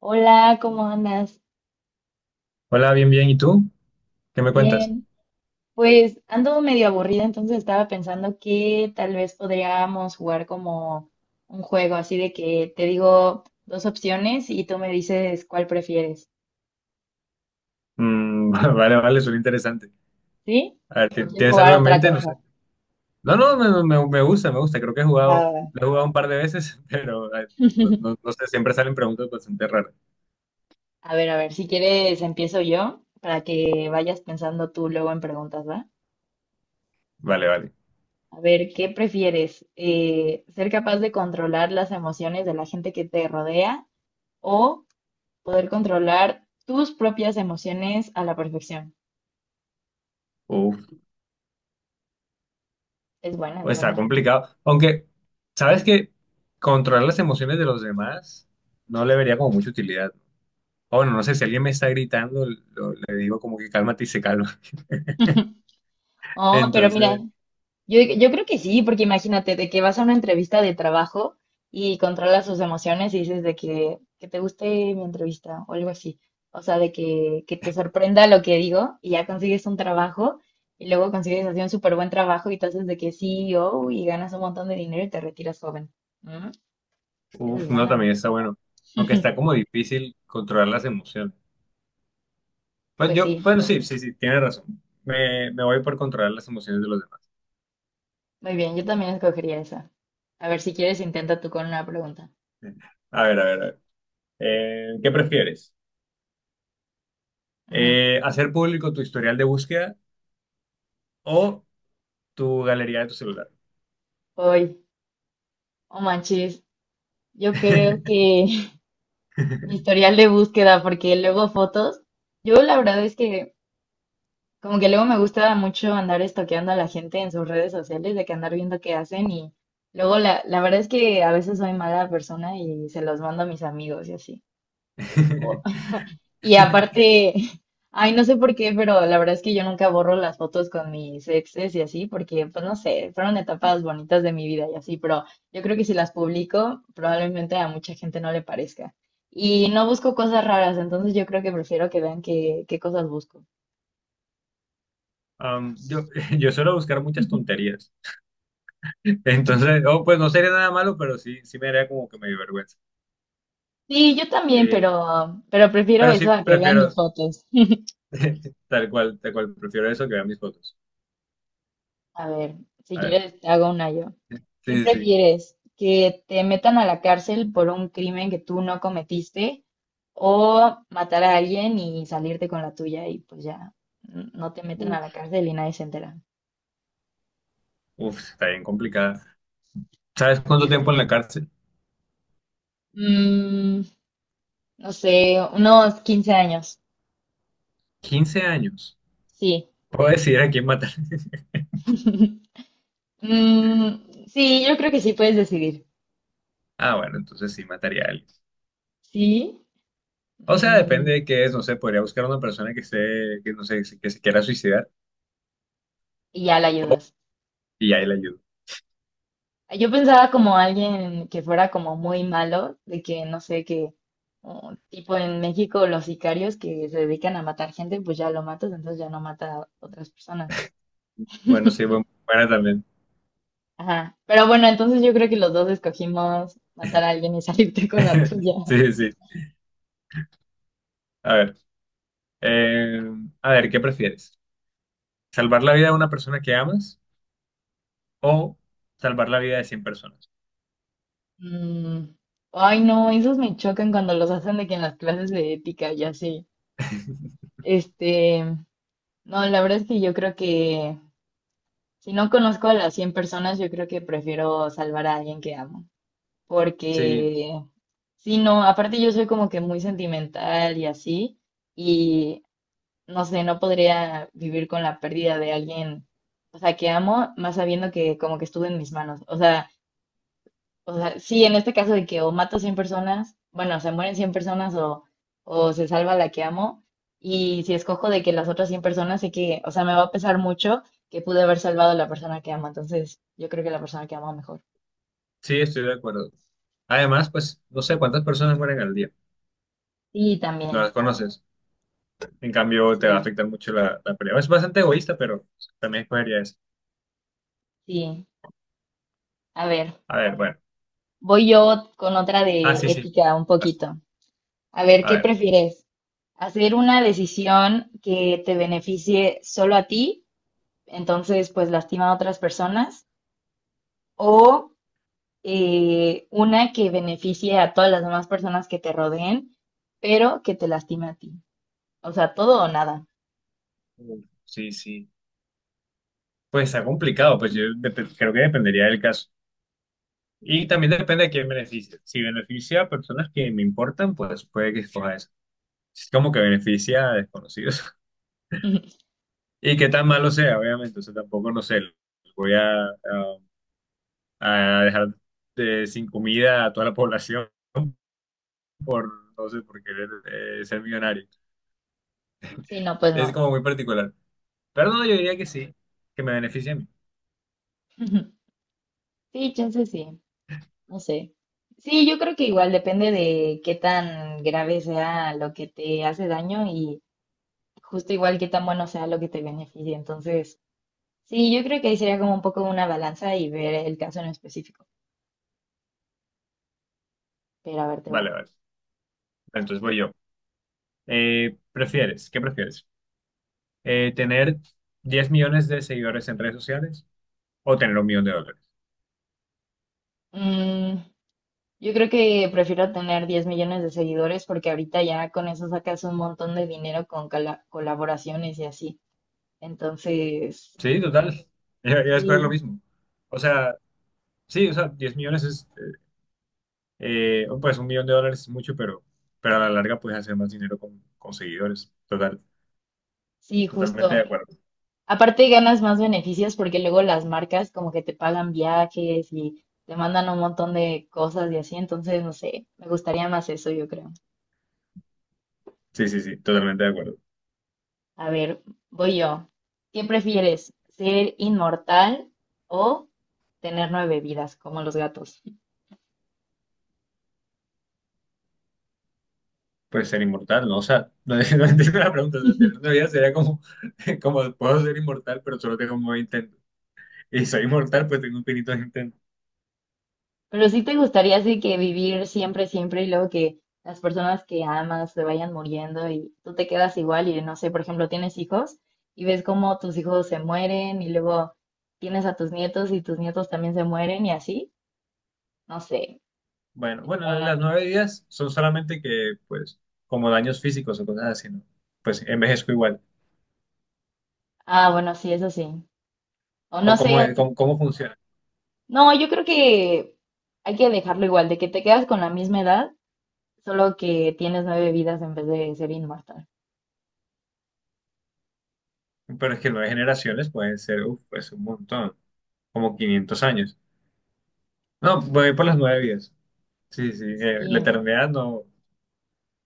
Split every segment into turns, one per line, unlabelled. Hola, ¿cómo andas?
Hola, bien, bien. ¿Y tú? ¿Qué me cuentas?
Bien. Pues ando medio aburrida, entonces estaba pensando que tal vez podríamos jugar como un juego, así de que te digo dos opciones y tú me dices cuál prefieres,
Mm, vale, vale, suena interesante.
¿sí?
A ver,
¿O quieres
¿tienes
jugar
algo en
otra
mente? No sé.
cosa?
No, no, me gusta, me gusta. Creo que he
Va,
jugado,
va, va.
lo he jugado un par de veces, pero no, no sé, siempre salen preguntas bastante raras.
A ver, si quieres empiezo yo para que vayas pensando tú luego en preguntas, ¿va?
Vale, vale.
A ver, ¿qué prefieres? ¿Ser capaz de controlar las emociones de la gente que te rodea o poder controlar tus propias emociones a la perfección?
Uf,
Es
está
buena, ¿no?
complicado. Aunque, ¿sabes que controlar las emociones de los demás no le vería como mucha utilidad? O bueno, no sé, si alguien me está gritando, le digo como que cálmate y se calma.
Oh, pero mira,
Entonces,
yo creo que sí, porque imagínate de que vas a una entrevista de trabajo y controlas tus emociones y dices de que te guste mi entrevista o algo así. O sea, de que te sorprenda lo que digo y ya consigues un trabajo y luego consigues así un súper buen trabajo y te haces de que CEO y ganas un montón de dinero y te retiras joven. Mm, Esa es
uf, no,
buena.
también está bueno. Aunque está como difícil controlar las emociones. Pues
Pues
yo,
sí.
bueno, sí, sí, sí, tienes razón. Me voy por controlar las emociones de los demás.
Muy bien, yo también escogería esa. A ver, si quieres, intenta tú con una pregunta.
A ver, a ver, a ver. ¿Qué prefieres?
Ujú.
¿Hacer público tu historial de búsqueda o tu galería de tu celular?
Hoy, oh manches, yo creo que mi historial de búsqueda, porque luego fotos, yo la verdad es que como que luego me gusta mucho andar estoqueando a la gente en sus redes sociales, de que andar viendo qué hacen y luego la verdad es que a veces soy mala persona y se los mando a mis amigos y así. Y aparte, ay, no sé por qué, pero la verdad es que yo nunca borro las fotos con mis exes y así, porque, pues no sé, fueron etapas bonitas de mi vida y así, pero yo creo que si las publico, probablemente a mucha gente no le parezca. Y no busco cosas raras, entonces yo creo que prefiero que vean qué, qué cosas busco.
Um, yo, yo suelo buscar muchas tonterías. Entonces, oh, pues no sería nada malo, pero sí, sí me haría como que me dio vergüenza.
Sí, yo también,
Eh,
pero prefiero
pero
eso
sí
a que vean mis
prefiero,
fotos.
tal cual, prefiero eso que ver mis fotos.
A ver, si
A ver,
quieres, te hago una yo. ¿Qué
sí, sí, sí.
prefieres? ¿Que te metan a la cárcel por un crimen que tú no cometiste o matar a alguien y salirte con la tuya y pues ya no te meten a la
Uf,
cárcel y nadie se entera?
uf, está bien complicada. ¿Sabes cuánto
Sí.
tiempo en la cárcel?
Mm, no sé, unos 15 años.
15 años.
Sí.
Puedo decidir a quién matar.
Mm, sí, yo creo que sí puedes decidir.
Ah, bueno, entonces sí mataría a alguien.
Sí.
O sea, depende
Mm,
de qué es, no sé, podría buscar a una persona que esté, que no sé, que se quiera suicidar
y ya la
o-
ayudas.
y ahí le ayudo.
Yo pensaba como alguien que fuera como muy malo, de que no sé, que tipo en México los sicarios que se dedican a matar gente, pues ya lo matas, entonces ya no mata a otras personas.
Bueno, sí, buena también.
Ajá. Pero bueno, entonces yo creo que los dos escogimos matar a alguien y salirte con la tuya.
Sí, sí. A ver, eh, a ver, ¿qué prefieres? ¿Salvar la vida de una persona que amas o salvar la vida de 100 personas?
Mm, ay, no, esos me chocan cuando los hacen de que en las clases de ética y así. Este, no, la verdad es que yo creo que si no conozco a las 100 personas, yo creo que prefiero salvar a alguien que amo,
Sí,
porque si no, aparte yo soy como que muy sentimental y así, y no sé, no podría vivir con la pérdida de alguien, o sea, que amo, más sabiendo que como que estuvo en mis manos. O sea, sí, en este caso de que o mato 100 personas, bueno, se mueren 100 personas o se salva la que amo, y si escojo de que las otras 100 personas, sé que, o sea, me va a pesar mucho que pude haber salvado a la persona que amo, entonces yo creo que la persona que amo mejor.
sí, estoy de acuerdo. Además, pues no sé cuántas personas mueren al día.
Sí,
No las
también,
conoces. En cambio, te va a
sí,
afectar mucho la pelea. Es bastante egoísta, pero también escogería eso.
sí. A ver.
A ver, bueno.
Voy yo con otra
Ah,
de
sí, sí.
ética un
As-
poquito. A ver,
A
¿qué
ver.
prefieres? ¿Hacer una decisión que te beneficie solo a ti, entonces pues lastima a otras personas? ¿O una que beneficie a todas las demás personas que te rodeen, pero que te lastime a ti? O sea, todo o nada.
Uf, sí, sí. Pues está complicado, pues yo creo que dependería del caso. Y también depende de quién beneficia. Si beneficia a personas que me importan, pues puede que escoja eso. Es como que beneficia a desconocidos. Y qué tan malo sea, obviamente. O sea, tampoco, no sé, voy a dejar sin comida a toda la población por, no sé, por querer ser millonario.
Sí, no, pues
Es
no.
como muy particular. Pero no, yo diría que sí, que me beneficia a mí.
Sí, chance sí, no sé. Sí, yo creo que igual depende de qué tan grave sea lo que te hace daño y justo igual qué tan bueno sea lo que te beneficie. Entonces, sí, yo creo que ahí sería como un poco una balanza y ver el caso en específico. Pero a ver, te va.
Vale, vale. Entonces voy yo. ¿Prefieres? ¿Qué prefieres? ¿Tener 10 millones de seguidores en redes sociales o tener un millón de dólares?
Mm, yo creo que prefiero tener 10 millones de seguidores porque ahorita ya con eso sacas un montón de dinero con colaboraciones y así. Entonces,
Sí, total. Yo voy a escoger lo
sí,
mismo. O sea, sí, o sea, 10 millones es, oh, pues un millón de dólares es mucho, pero a la larga puedes hacer más dinero con, seguidores. Total,
sí,
totalmente de
justo.
acuerdo.
Aparte ganas más beneficios porque luego las marcas como que te pagan viajes y te mandan un montón de cosas y así. Entonces, no sé, me gustaría más eso, yo creo.
Sí, sí, sí, totalmente de acuerdo.
A ver, voy yo. ¿Qué prefieres? ¿Ser inmortal o tener nueve vidas, como los gatos?
Puedes ser inmortal, ¿no? O sea, no, no entiendo la pregunta. O sea, tener una vida sería como, como, puedo ser inmortal, pero solo tengo un nuevo intento. Y soy inmortal, pues tengo infinitos intentos.
Pero sí te gustaría así que vivir siempre, siempre y luego que las personas que amas se vayan muriendo y tú te quedas igual y no sé, por ejemplo, tienes hijos y ves cómo tus hijos se mueren y luego tienes a tus nietos y tus nietos también se mueren y así. No sé.
Bueno, bueno,
Ah,
las nueve vidas son solamente que, pues, como daños físicos o cosas así, ¿no? Pues envejezco igual.
ah, bueno, sí, eso sí. O
O
no sé,
cómo, cómo funciona.
no, yo creo que hay que dejarlo igual, de que te quedas con la misma edad. Solo que tienes nueve vidas en vez de ser inmortal.
Pero es que nueve generaciones pueden ser, uf, pues un montón, como 500 años. No, voy por las nueve vidas. Sí, sí, la
Sí,
eternidad no,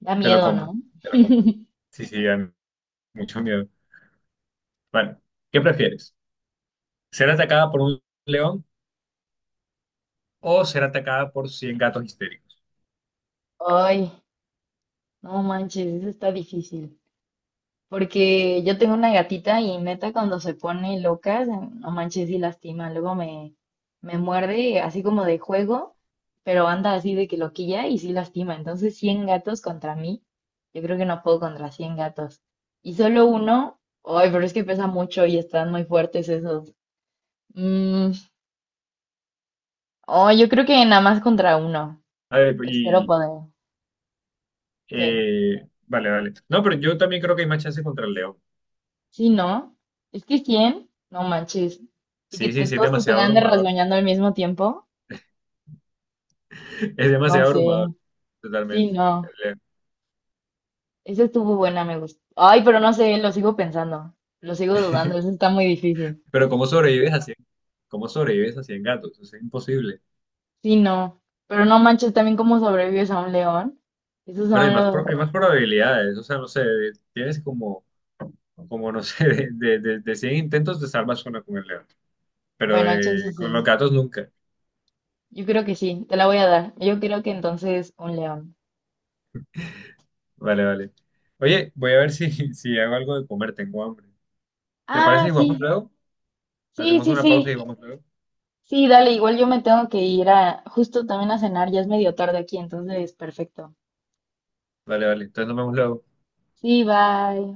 da
te lo
miedo,
compro,
¿no?
te lo compro. Sí, sí, dan mucho miedo. Bueno, ¿qué prefieres? ¿Ser atacada por un león o ser atacada por 100 gatos histéricos?
Ay, no manches, eso está difícil. Porque yo tengo una gatita y neta cuando se pone loca, no manches y lastima. Luego me muerde así como de juego, pero anda así de que loquilla y sí lastima. Entonces 100 gatos contra mí, yo creo que no puedo contra 100 gatos. Y solo uno, ay, pero es que pesa mucho y están muy fuertes esos. Mm, oh, yo creo que nada más contra uno.
A ver,
Espero poder. Que,
vale, vale. No, pero yo también creo que hay más chance contra el león.
sí, ¿no? Es que 100, no manches. Y que
Sí, sí, sí, es
todos te
demasiado
tengan de
abrumador.
rasguñando al mismo tiempo,
Es
no
demasiado
sé.
abrumador,
Sí,
totalmente.
no. Esa estuvo buena, me gustó. Ay, pero no sé, lo sigo pensando. Lo sigo dudando, eso está muy difícil.
Pero ¿cómo sobrevives a 100? ¿Cómo sobrevives a 100 gatos? Es imposible.
Sí, no. Pero no manches, también cómo sobrevives a un león. Esos
Pero hay
son
más, hay
los...
más probabilidades. O sea, no sé, tienes como no sé, de 100 intentos te salvas una con el león. Pero
Bueno, chance
con los
sí.
gatos nunca.
Yo creo que sí, te la voy a dar. Yo creo que entonces un león.
Vale, vale. Oye, voy a ver si, si hago algo de comer, tengo hambre. ¿Te parece
Ah,
si jugamos
sí.
luego?
Sí,
Hacemos
sí,
una pausa y
sí.
jugamos luego.
Sí, dale, igual yo me tengo que ir a justo también a cenar, ya es medio tarde aquí, entonces perfecto.
Vale, vale. Entonces nos vemos luego.
Sí, bye.